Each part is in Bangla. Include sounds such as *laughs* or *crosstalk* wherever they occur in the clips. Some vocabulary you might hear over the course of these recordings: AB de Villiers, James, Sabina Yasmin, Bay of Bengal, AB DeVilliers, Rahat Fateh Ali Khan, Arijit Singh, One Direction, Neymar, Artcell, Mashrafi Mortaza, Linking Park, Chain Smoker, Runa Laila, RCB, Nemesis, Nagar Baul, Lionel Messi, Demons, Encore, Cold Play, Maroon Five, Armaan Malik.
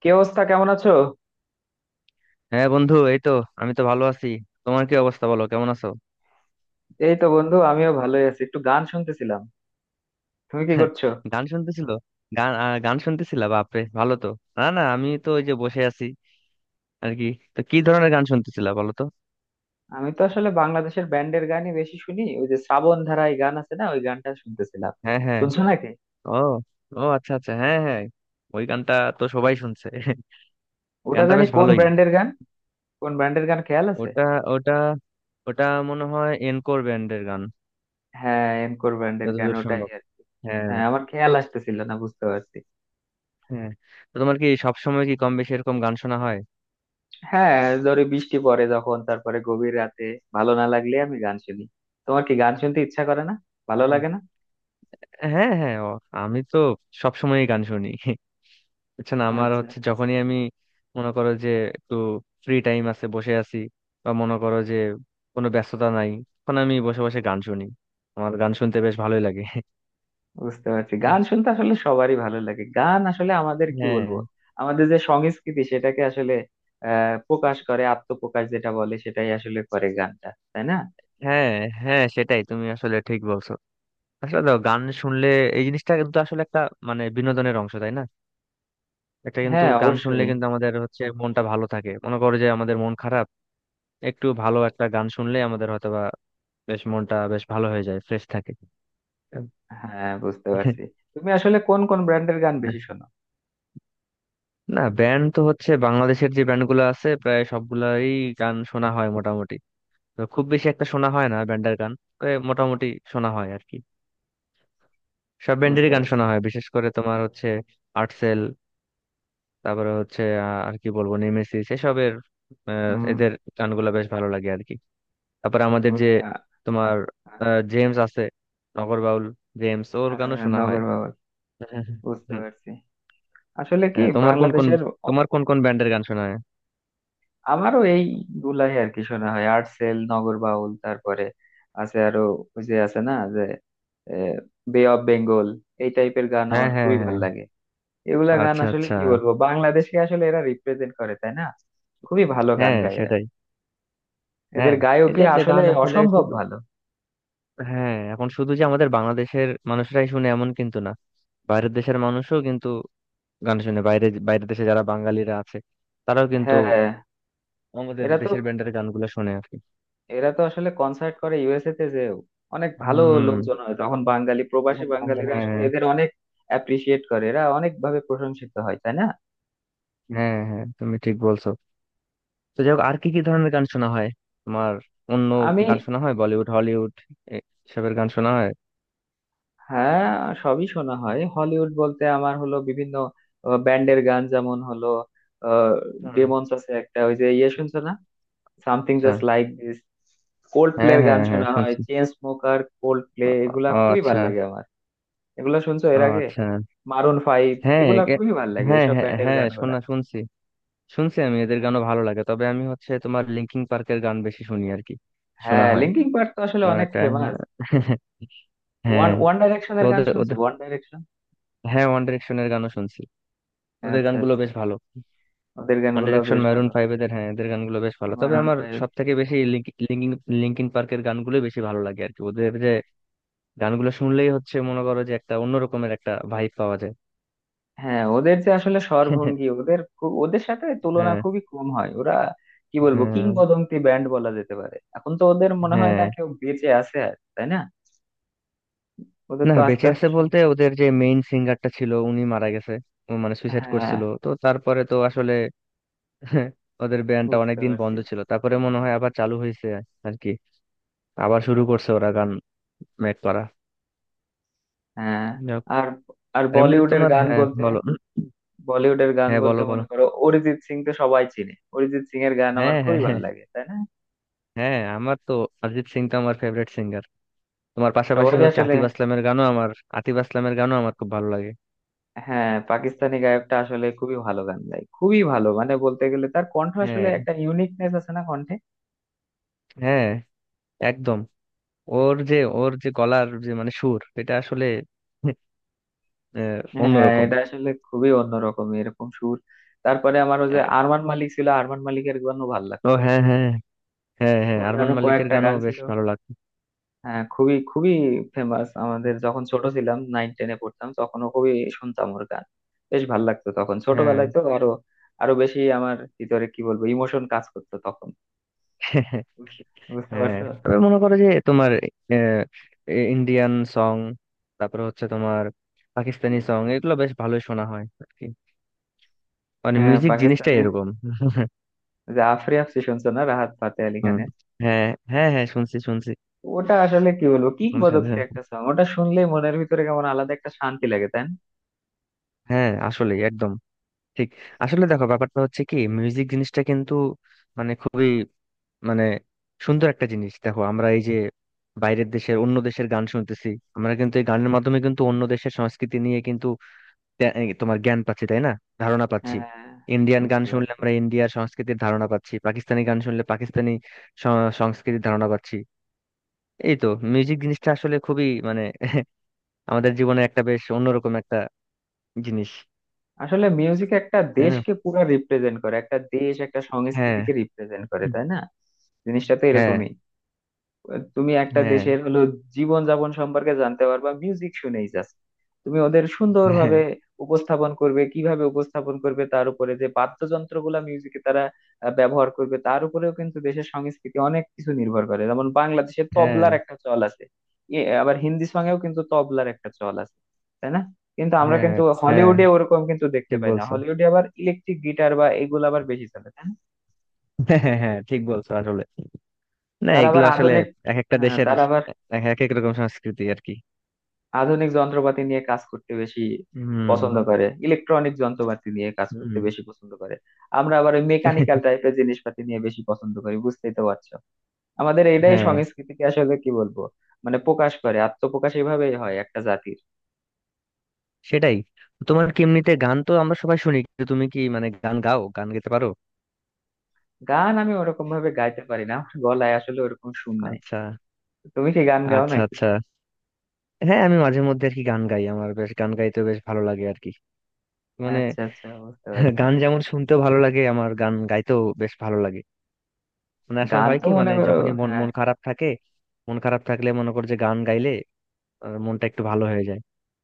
কি অবস্থা? কেমন আছো? হ্যাঁ বন্ধু, এই তো আমি তো ভালো আছি। তোমার কি অবস্থা, বলো কেমন আছো? এই তো বন্ধু, আমিও ভালোই আছি, একটু গান শুনতেছিলাম। তুমি কি *laughs* করছো? গান শুনতেছিল। গান গান শুনতেছিলা, বাপরে ভালো তো। না না, আমি তো ওই যে বসে আছি আর কি। তো কি ধরনের গান শুনতেছিলা বলো তো? আমি তো আসলে বাংলাদেশের ব্যান্ডের গানই বেশি শুনি। ওই যে শ্রাবণ ধারায় গান আছে না, ওই গানটা শুনতেছিলাম। হ্যাঁ হ্যাঁ। শুনছো নাকি? ও, ও আচ্ছা আচ্ছা, হ্যাঁ হ্যাঁ। ওই গানটা তো সবাই শুনছে। *laughs* ওটা গানটা জানি বেশ কোন ভালোই। ব্র্যান্ডের গান। কোন ব্র্যান্ডের গান খেয়াল আছে? ওটা ওটা ওটা মনে হয় এনকোর ব্যান্ডের গান, হ্যাঁ, এনকোর ব্র্যান্ডের গান যতদূর ওটাই সম্ভব। আর কি। হ্যাঁ হ্যাঁ, আমার খেয়াল আসতেছিল না। বুঝতে পারছি। হ্যাঁ। তো তোমার কি সবসময় কি কম বেশি এরকম গান শোনা হয়? হ্যাঁ, ধরো বৃষ্টি পড়ে যখন, তারপরে গভীর রাতে ভালো না লাগলে আমি গান শুনি। তোমার কি গান শুনতে ইচ্ছা করে না? ভালো আহ, লাগে না? হ্যাঁ হ্যাঁ, ও, আমি তো সবসময় গান শুনি। *laughs* বুঝছেন, আমার আচ্ছা, হচ্ছে যখনই আমি মনে করো যে একটু ফ্রি টাইম আছে, বসে আছি, বা মনে করো যে কোনো ব্যস্ততা নাই, তখন আমি বসে বসে গান শুনি। আমার গান শুনতে বেশ ভালোই লাগে। বুঝতে পারছি। গান শুনতে আসলে সবারই ভালো লাগে। গান আসলে আমাদের কি হ্যাঁ বলবো, আমাদের যে সংস্কৃতি সেটাকে আসলে প্রকাশ করে, আত্মপ্রকাশ যেটা বলে সেটাই আসলে করে গানটা, তাই না? হ্যাঁ, হ্যাঁ সেটাই, তুমি আসলে ঠিক বলছো। আসলে দেখো, গান শুনলে এই জিনিসটা কিন্তু আসলে একটা মানে বিনোদনের অংশ, তাই না? একটা কিন্তু হ্যাঁ, গান শুনলে অবশ্যই। কিন্তু আমাদের হচ্ছে মনটা ভালো থাকে। মনে করো যে আমাদের মন খারাপ, একটু ভালো একটা গান শুনলে আমাদের হয়তোবা বেশ মনটা বেশ ভালো হয়ে যায়, ফ্রেশ থাকে। হ্যাঁ, বুঝতে পারছি। তুমি আসলে কোন কোন ব্র্যান্ডের গান বেশি শোনো? না, ব্যান্ড তো হচ্ছে বাংলাদেশের যে ব্যান্ডগুলো আছে প্রায় সবগুলাই গান শোনা হয় মোটামুটি। তো খুব বেশি একটা শোনা হয় না ব্যান্ডের গান। তো এ মোটামুটি শোনা হয় আর কি। সব ব্যান্ডেরই বুঝতে গান পারছি। শোনা হয়, বিশেষ করে তোমার হচ্ছে আর্টসেল, তারপরে হচ্ছে আর কি বলবো, নেমেসিস, এসবের হুম। এদের গানগুলো বেশ ভালো লাগে আর কি। তারপরে আমাদের যে তুমি আহ, তোমার জেমস আছে, নগর বাউল জেমস, ওর আহ, গানও শোনা হয়। নগর বাউল। হ্যাঁ, বুঝতে হ্যাঁ, পারছি। আসলে কি হ্যাঁ, বাংলাদেশের, তোমার কোন কোন ব্যান্ডের গান শোনা হয়? আমারও এই গুলাই আর কি শোনা হয়। আর্টসেল, নগর বাউল, তারপরে আছে আরো, ওই যে আছে না যে বে অফ বেঙ্গল, এই টাইপের গান হ্যাঁ আমার হ্যাঁ খুবই ভালো হ্যাঁ। লাগে। এগুলা গান আচ্ছা আসলে আচ্ছা। কি বলবো, বাংলাদেশকে আসলে এরা রিপ্রেজেন্ট করে, তাই না? খুবই ভালো গান হ্যাঁ গায় এরা। সেটাই। এদের হ্যাঁ। গায়কই এদের যে আসলে গান আসলে অসম্ভব শুধু, ভালো। হ্যাঁ এখন শুধু যে আমাদের বাংলাদেশের মানুষরাই শুনে এমন কিন্তু না, বাইরের দেশের মানুষও কিন্তু গান শুনে। বাইরে বাইরের দেশে যারা বাঙালিরা আছে তারাও কিন্তু হ্যাঁ, হ্যাঁ। আমাদের এরা তো দেশের ব্যান্ডের গানগুলো শুনে আর কি। এরা তো আসলে কনসার্ট করে ইউএসএ তে, যে অনেক ভালো হম। লোকজন হয় তখন, বাঙালি প্রবাসী বাঙালিরা আসলে হ্যাঁ। এদের অনেক অ্যাপ্রিসিয়েট করে। এরা অনেক ভাবে প্রশংসিত হয়, তাই না? হ্যাঁ হ্যাঁ, তুমি ঠিক বলছো। তো যাই হোক, আর কি কি ধরনের গান শোনা হয় তোমার? অন্য আমি, গান শোনা হয়, বলিউড, হলিউড, এ- এসবের গান শোনা হয়? হ্যাঁ, সবই শোনা হয়। হলিউড বলতে আমার হলো বিভিন্ন ব্যান্ডের গান, যেমন হলো হুম, ডেমন্স আছে একটা, ওই যে শুনছো না, সামথিং আচ্ছা। Just like this. কোল্ড হ্যাঁ প্লের হ্যাঁ গান হ্যাঁ, শোনা হয়, শুনছি। চেন স্মোকার, কোল্ড প্লে, ও, এগুলা ও, খুবই ভাল আচ্ছা। লাগে আমার। এগুলা শুনছো ও এর আগে? আচ্ছা। মারুন ফাইভ, হ্যাঁ এগুলা একে- খুবই ভাল লাগে হ্যাঁ এসব হ্যাঁ ব্যান্ডের হ্যাঁ, গানগুলা। শুনছি। শুনছি, আমি এদের হ্যাঁ, গানও ভালো লাগে, তবে আমি হচ্ছে তোমার লিঙ্কিং পার্কের গান বেশি শুনি আর কি। শোনা হ্যাঁ, হয়। লিঙ্কিং পার্ক তো আসলে আমার অনেক একটা ফেমাস। *laughs* ওয়ান হ্যাঁ। ওয়ান তো ডাইরেকশনের গান ওদের শুনছো? ওদের ওয়ান ডাইরেকশন। হ্যাঁ, ওয়ান ডিরেকশনের গানও শুনছি, ওদের আচ্ছা, গানগুলো আচ্ছা, বেশ ভালো। ওদের ওয়ান গানগুলো ডিরেকশন, বেশ মারুন ভালো। ফাইভ, এদের, হ্যাঁ এদের গানগুলো বেশ ভালো, তবে মারুন আমার ফাইভ। সব থেকে বেশি লিঙ্কিং লিঙ্কিং পার্কের গানগুলো বেশি ভালো লাগে আর কি। ওদের যে গানগুলো শুনলেই হচ্ছে মনে করো যে একটা অন্যরকমের একটা ভাইব পাওয়া যায়। হ্যাঁ, ওদের যে আসলে স্বরভঙ্গি, *laughs* ওদের খুব, ওদের সাথে তুলনা হ্যাঁ খুবই কম হয়। ওরা কি বলবো, হ্যাঁ কিংবদন্তি ব্যান্ড বলা যেতে পারে। এখন তো ওদের মনে হয় হ্যাঁ। না কেউ বেঁচে আছে আর, তাই না? ওদের না, তো আস্তে বেঁচে আস্তে আছে সব। বলতে ওদের যে মেইন সিঙ্গারটা ছিল উনি মারা গেছে। ও মানে সুইসাইড হ্যাঁ, করছিল, তো তারপরে তো আসলে *laughs* ওদের ব্যান্ডটা বুঝতে অনেকদিন পারছি। বন্ধ ছিল, তারপরে মনে হয় আবার চালু হয়েছে আর কি। আবার শুরু করছে ওরা গান মেক করা হ্যাঁ। যাক। আর আর আর এমনিতে বলিউডের তোমার, গান হ্যাঁ বলতে বলো। বলিউডের গান হ্যাঁ বলতে বলো বলো। মনে করো অরিজিৎ সিং তো সবাই চিনে, অরিজিৎ সিং এর গান আমার হ্যাঁ হ্যাঁ খুবই ভালো হ্যাঁ। লাগে, তাই না? হ্যাঁ আমার তো অরিজিৎ সিং তো আমার ফেভারিট সিঙ্গার। তোমার পাশাপাশি সবারই হচ্ছে আসলে। আতিফ আসলামের গানও আমার, আতিফ আসলামের গানও আমার খুব ভালো লাগে। হ্যাঁ, পাকিস্তানি গায়কটা আসলে খুবই ভালো গান গায়, খুবই ভালো, মানে বলতে গেলে তার কণ্ঠ আসলে হ্যাঁ একটা ইউনিকনেস আছে না কণ্ঠে। হ্যাঁ, একদম। ওর যে ওর যে গলার যে মানে সুর এটা আসলে হ্যাঁ, অন্যরকম। এটা আসলে খুবই অন্যরকম, এরকম সুর। তারপরে আমার ওই যে আহ, আরমান মালিক ছিল, আরমান মালিকের গানও ভাল ও লাগতো। হ্যাঁ হ্যাঁ। হ্যাঁ হ্যাঁ, ওর আরমান গানও মালিকের কয়েকটা গানও গান বেশ ছিল। ভালো লাগতো। হ্যাঁ, খুবই খুবই ফেমাস। আমাদের যখন ছোট ছিলাম, নাইন টেনে পড়তাম, তখনও খুবই শুনতাম ওর গান। বেশ ভাল লাগতো তখন হ্যাঁ। ছোটবেলায়, তো আরো আরো বেশি আমার ভিতরে কি বলবো ইমোশন কাজ করতো তখন। *laughs* বুঝ- বুঝতে হ্যাঁ, পারছো? তবে মনে করো যে তোমার ইন্ডিয়ান সং, তারপর হচ্ছে তোমার পাকিস্তানি সং, এগুলো বেশ ভালোই শোনা হয় আর কি। মানে হ্যাঁ, মিউজিক জিনিসটাই পাকিস্তানে এরকম। *laughs* যে আফরি আফসি শুনছো না, রাহাত ফাতে আলি হুম। খানের? হ্যাঁ হ্যাঁ হ্যাঁ, শুনছি শুনছি। ওটা আসলে কি বলবো, আমার কিংবদন্তি সাথে- একটা সং। ওটা শুনলেই মনের ভিতরে কেমন আলাদা একটা শান্তি লাগে, তাই না? হ্যাঁ আসলে একদম ঠিক। আসলে দেখো, ব্যাপারটা হচ্ছে কি, মিউজিক জিনিসটা কিন্তু মানে খুবই মানে সুন্দর একটা জিনিস। দেখো আমরা এই যে বাইরের দেশের, অন্য দেশের গান শুনতেছি, আমরা কিন্তু এই গানের মাধ্যমে কিন্তু অন্য দেশের সংস্কৃতি নিয়ে কিন্তু এই তোমার জ্ঞান পাচ্ছি, তাই না? ধারণা পাচ্ছি। হ্যাঁ, ইন্ডিয়ান গান বুঝতে শুনলে পারছি। আমরা ইন্ডিয়ার সংস্কৃতির ধারণা পাচ্ছি, পাকিস্তানি গান শুনলে পাকিস্তানি সংস্কৃতির ধারণা পাচ্ছি। এই তো, মিউজিক জিনিসটা আসলে খুবই মানে *laughs* আমাদের জীবনে একটা বেশ অন্যরকম একটা জিনিস। আসলে মিউজিক একটা তাই না? দেশকে পুরো রিপ্রেজেন্ট করে, একটা দেশ একটা হ্যাঁ। সংস্কৃতিকে রিপ্রেজেন্ট করে, তাই না? জিনিসটা তো হ্যাঁ। এরকমই। তুমি একটা হ্যাঁ। দেশের হলো জীবনযাপন সম্পর্কে জানতে পারবা মিউজিক শুনেই, জাস্ট তুমি ওদের সুন্দরভাবে হ্যাঁ উপস্থাপন করবে। কিভাবে উপস্থাপন করবে তার উপরে, যে বাদ্যযন্ত্রগুলা মিউজিকে তারা ব্যবহার করবে তার উপরেও কিন্তু দেশের সংস্কৃতি অনেক কিছু নির্ভর করে। যেমন বাংলাদেশে হ্যাঁ তবলার একটা চল আছে। আবার হিন্দি সঙ্গেও কিন্তু তবলার একটা চল আছে, তাই না? কিন্তু আমরা হ্যাঁ, কিন্তু হ্যাঁ হলিউডে ওরকম কিন্তু দেখতে ঠিক পাই না, বলছো। হলিউডে আবার ইলেকট্রিক গিটার বা এগুলো আবার বেশি চলে, তাই না? *laughs* হ্যাঁ হ্যাঁ হ্যাঁ, ঠিক বলছো আসলে। না তারা এগুলো আবার আসলে আধুনিক। এক একটা হ্যাঁ, দেশের তারা আবার এক এক এক রকম সংস্কৃতি আর কি। আধুনিক যন্ত্রপাতি নিয়ে কাজ করতে বেশি হুম। পছন্দ করে, ইলেকট্রনিক যন্ত্রপাতি নিয়ে কাজ করতে হুম। বেশি পছন্দ করে। আমরা আবার ওই মেকানিক্যাল টাইপের জিনিসপাতি নিয়ে বেশি পছন্দ করি, বুঝতেই তো পারছো। আমাদের এটাই হ্যাঁ সংস্কৃতিকে আসলে কি বলবো, মানে প্রকাশ করে, আত্মপ্রকাশ এভাবেই হয় একটা জাতির। সেটাই। তোমার কি এমনিতে, গান তো আমরা সবাই শুনি কিন্তু তুমি কি মানে গান গাও, গান গাইতে পারো? গান আমি ওরকম ভাবে গাইতে পারি না, আমার গলায় আসলে ওরকম সুর নাই। আচ্ছা তুমি কি গান গাও আচ্ছা। নাকি? আচ্ছা হ্যাঁ, আমি মাঝে মধ্যে আর কি গান গাই। আমার বেশ গান গাইতে বেশ ভালো লাগে আর কি। মানে আচ্ছা, আচ্ছা, বুঝতে *laughs* পারছি। গান যেমন শুনতেও ভালো লাগে, আমার গান গাইতেও বেশ ভালো লাগে। মানে আসলে গান হয় তো কি, মনে মানে করো। যখনই মন হ্যাঁ, মন খারাপ থাকে, মন খারাপ থাকলে মনে কর যে গান গাইলে মনটা একটু ভালো হয়ে যায়।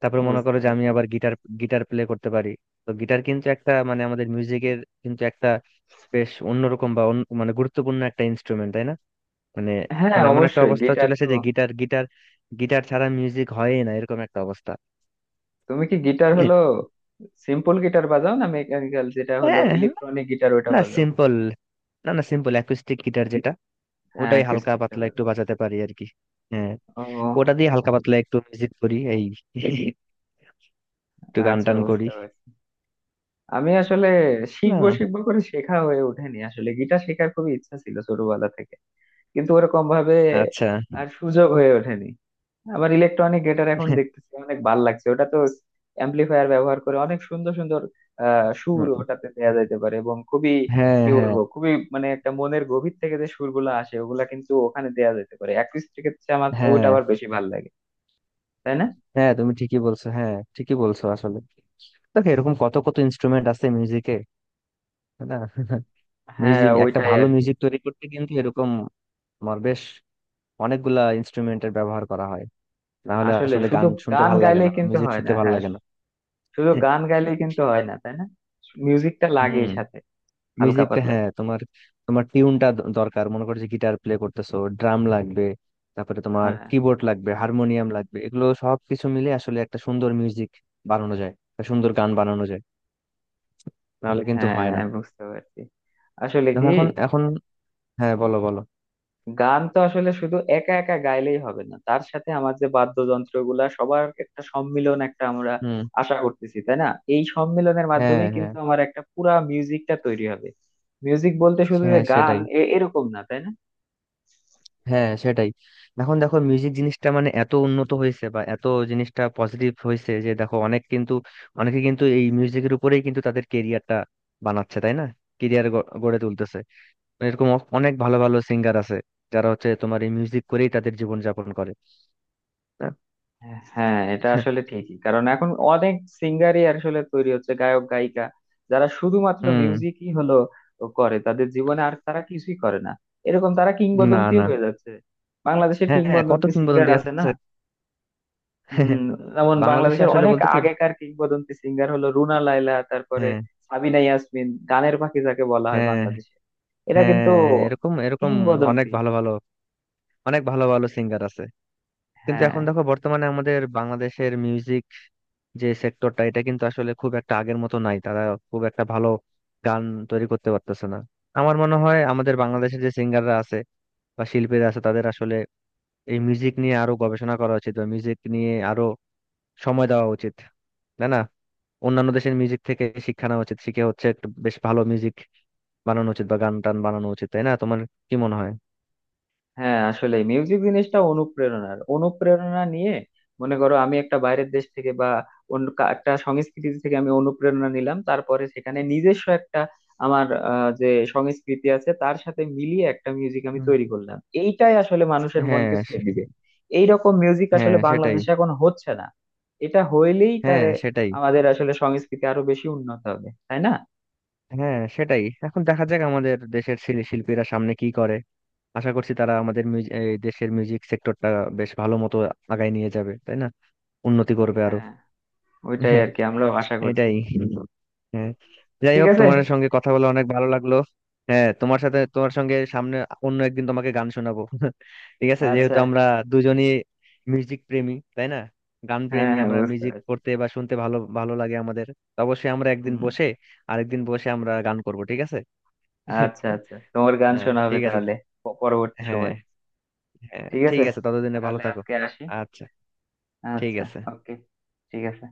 তারপর মনে বুঝতে করো যে আমি পারছি। আবার গিটার গিটার প্লে করতে পারি। তো গিটার কিন্তু একটা মানে আমাদের মিউজিকের কিন্তু একটা বেশ অন্যরকম বা মানে গুরুত্বপূর্ণ একটা ইনস্ট্রুমেন্ট, তাই না? মানে হ্যাঁ, এখন এমন একটা অবশ্যই অবস্থা গিটার চলে তো। এসেছে যে গিটার গিটার গিটার ছাড়া মিউজিক হয়ই না, এরকম একটা অবস্থা। তুমি কি গিটার হলো সিম্পল গিটার বাজাও, না মেকানিক্যাল যেটা হলো হ্যাঁ। ইলেকট্রনিক গিটার ওটা না বাজাও? সিম্পল, না না সিম্পল অ্যাকুস্টিক গিটার যেটা হ্যাঁ, ওটাই হালকা অ্যাকুস্টিকটা পাতলা বাজাও। একটু বাজাতে পারি আর কি। হ্যাঁ। ও, ওটা দিয়ে হালকা পাতলা একটু মিউজিক করি, এই একটু গান আচ্ছা, টান বুঝতে করি। পারছি। আমি আসলে শিখবো না। শিখবো করে শেখা হয়ে ওঠেনি আসলে, গিটার শেখার খুবই ইচ্ছা ছিল ছোটবেলা থেকে, কিন্তু ওরকম ভাবে আচ্ছা। আর সুযোগ হয়ে ওঠেনি। আবার ইলেকট্রনিক গিটার এখন দেখতেছি অনেক ভাল লাগছে। ওটা তো অ্যাম্পলিফায়ার ব্যবহার করে অনেক সুন্দর সুন্দর সুর ওটাতে দেওয়া যাইতে পারে, এবং খুবই হ্যাঁ কি হ্যাঁ বলবো, খুবই মানে একটা মনের গভীর থেকে যে সুরগুলো আসে, ওগুলা কিন্তু ওখানে দেওয়া যেতে পারে। অ্যাকুস্টিকের চেয়ে আমার তো ওইটা হ্যাঁ, আবার বেশি ভাল লাগে, তাই না? হ্যাঁ তুমি ঠিকই বলছো, হ্যাঁ ঠিকই বলছো আসলে। দেখো এরকম কত কত ইনস্ট্রুমেন্ট আছে মিউজিকে। না। *laughs* হ্যাঁ, মিউজিক, একটা ওইটাই ভালো আর কি। মিউজিক তৈরি করতে কিন্তু এরকম আমার বেশ অনেকগুলা ইনস্ট্রুমেন্টের ব্যবহার করা হয়, না হলে আসলে আসলে শুধু গান শুনতে গান ভালো লাগে না, গাইলেই কিন্তু মিউজিক হয় না। শুনতে ভালো হ্যাঁ, লাগে না। শুধু *laughs* গান গাইলেই কিন্তু হয় না, তাই না? মিউজিকটা লাগেই হুম। সাথে, হালকা মিউজিকটা, পাতলা। হ্যাঁ তোমার, তোমার টিউনটা দরকার। মনে করো যে গিটার প্লে করতেছো, ড্রাম লাগবে, তারপরে তোমার হ্যাঁ, কিবোর্ড লাগবে, হারমোনিয়াম লাগবে, এগুলো সব কিছু মিলে আসলে একটা সুন্দর মিউজিক বানানো যায়, একটা সুন্দর গান বানানো যায়, নাহলে কিন্তু হয় না। হ্যাঁ, বুঝতে পারছি। আসলে কি, দেখো এখন এখন হ্যাঁ বলো বলো। গান তো আসলে শুধু একা একা গাইলেই হবে না, তার সাথে আমার যে বাদ্যযন্ত্র গুলা সবার একটা সম্মিলন একটা আমরা হুম। আশা করতেছি, তাই না? এই সম্মিলনের হ্যাঁ মাধ্যমে হ্যাঁ। কিন্তু আমার একটা পুরা মিউজিকটা তৈরি হবে। মিউজিক বলতে শুধু যে হ্যাঁ গান সেটাই, এরকম না, তাই না? হ্যাঁ সেটাই। এখন দেখো মিউজিক জিনিসটা মানে এত উন্নত হয়েছে, বা এত জিনিসটা পজিটিভ হয়েছে, যে দেখো অনেক কিন্তু, অনেকে কিন্তু এই মিউজিকের উপরেই কিন্তু তাদের কেরিয়ারটা বানাচ্ছে, তাই না? কেরিয়ার গড়ে তুলতেছে। মানে এরকম অনেক ভালো ভালো সিঙ্গার আছে যারা হচ্ছে তোমার এই মিউজিক করেই তাদের জীবন যাপন করে, না? হ্যাঁ, এটা আসলে *laughs* ঠিকই। কারণ এখন অনেক সিঙ্গারই আসলে তৈরি হচ্ছে গায়ক গায়িকা, যারা শুধুমাত্র হুম। মিউজিকই হলো করে তাদের জীবনে, আর তারা কিছুই করে না। এরকম তারা না কিংবদন্তিও না। হয়ে যাচ্ছে। বাংলাদেশের হ্যাঁ কত কিংবদন্তি সিঙ্গার কিংবদন্তি আছে না? আছে। হম। *laughs* যেমন বাংলাদেশে বাংলাদেশের আসলে অনেক বলতে কি, আগেকার কিংবদন্তি সিঙ্গার হলো রুনা লায়লা, তারপরে হ্যাঁ। সাবিনা ইয়াসমিন, গানের পাখি যাকে বলা হয় হ্যাঁ। বাংলাদেশে। এরা হ্যাঁ, কিন্তু হ্যাঁ এরকম এরকম অনেক কিংবদন্তি। ভালো ভালো অনেক ভালো ভালো সিঙ্গার আছে। কিন্তু হ্যাঁ, এখন দেখো, বর্তমানে আমাদের বাংলাদেশের মিউজিক যে সেক্টরটা, এটা কিন্তু আসলে খুব একটা আগের মতো নাই। তারা খুব একটা ভালো গান তৈরি করতে পারতেছে না। আমার মনে হয় আমাদের বাংলাদেশের যে সিঙ্গাররা আছে বা শিল্পীরা আছে, তাদের আসলে এই মিউজিক নিয়ে আরো গবেষণা করা উচিত, বা মিউজিক নিয়ে আরো সময় দেওয়া উচিত, তাই না? অন্যান্য দেশের মিউজিক থেকে শিক্ষা নেওয়া উচিত, শিখে হচ্ছে একটা বেশ ভালো মিউজিক বানানো উচিত, বা গান টান বানানো উচিত, তাই না? তোমার কি মনে হয়? হ্যাঁ, আসলে মিউজিক জিনিসটা অনুপ্রেরণার। অনুপ্রেরণা নিয়ে মনে করো আমি একটা বাইরের দেশ থেকে বা অন্য একটা সংস্কৃতি থেকে আমি অনুপ্রেরণা নিলাম, তারপরে সেখানে নিজস্ব একটা আমার যে সংস্কৃতি আছে তার সাথে মিলিয়ে একটা মিউজিক আমি তৈরি করলাম, এইটাই আসলে মানুষের হ্যাঁ মনকে ছুঁয়ে সে- দিবে। এইরকম মিউজিক হ্যাঁ আসলে সেটাই। বাংলাদেশে এখন হচ্ছে না। এটা হইলেই হ্যাঁ তারে সেটাই, আমাদের আসলে সংস্কৃতি আরো বেশি উন্নত হবে, তাই না? হ্যাঁ সেটাই। এখন দেখা যাক আমাদের দেশের শিল্পীরা সামনে কি করে। আশা করছি তারা আমাদের এই দেশের মিউজিক সেক্টরটা বেশ ভালো মতো আগায় নিয়ে যাবে, তাই না? উন্নতি করবে আরো। হ্যাঁ, ওইটাই আর কি, আমরাও আশা করছি। এটাই। হ্যাঁ। যাই ঠিক হোক, আছে। তোমার সঙ্গে কথা বলে অনেক ভালো লাগলো। হ্যাঁ তোমার সাথে, তোমার সঙ্গে সামনে অন্য একদিন তোমাকে গান শোনাবো। *laughs* ঠিক আছে, যেহেতু আচ্ছা। আমরা দুজনই মিউজিক প্রেমী, তাই না? গান হ্যাঁ, প্রেমী, হ্যাঁ, আমরা বুঝতে মিউজিক পারছি। করতে বা শুনতে ভালো ভালো লাগে আমাদের। তো অবশ্যই আমরা একদিন হম। বসে, আরেকদিন বসে আমরা গান করব, ঠিক আছে? আচ্ছা, *laughs* আচ্ছা, তোমার গান শোনা হবে ঠিক আছে। তাহলে পরবর্তী হ্যাঁ সময়। হ্যাঁ ঠিক ঠিক আছে, আছে, ততদিনে ভালো তাহলে থাকো। আজকে আসি। আচ্ছা। ঠিক আচ্ছা। আছে। ওকে। ঠিক আছে।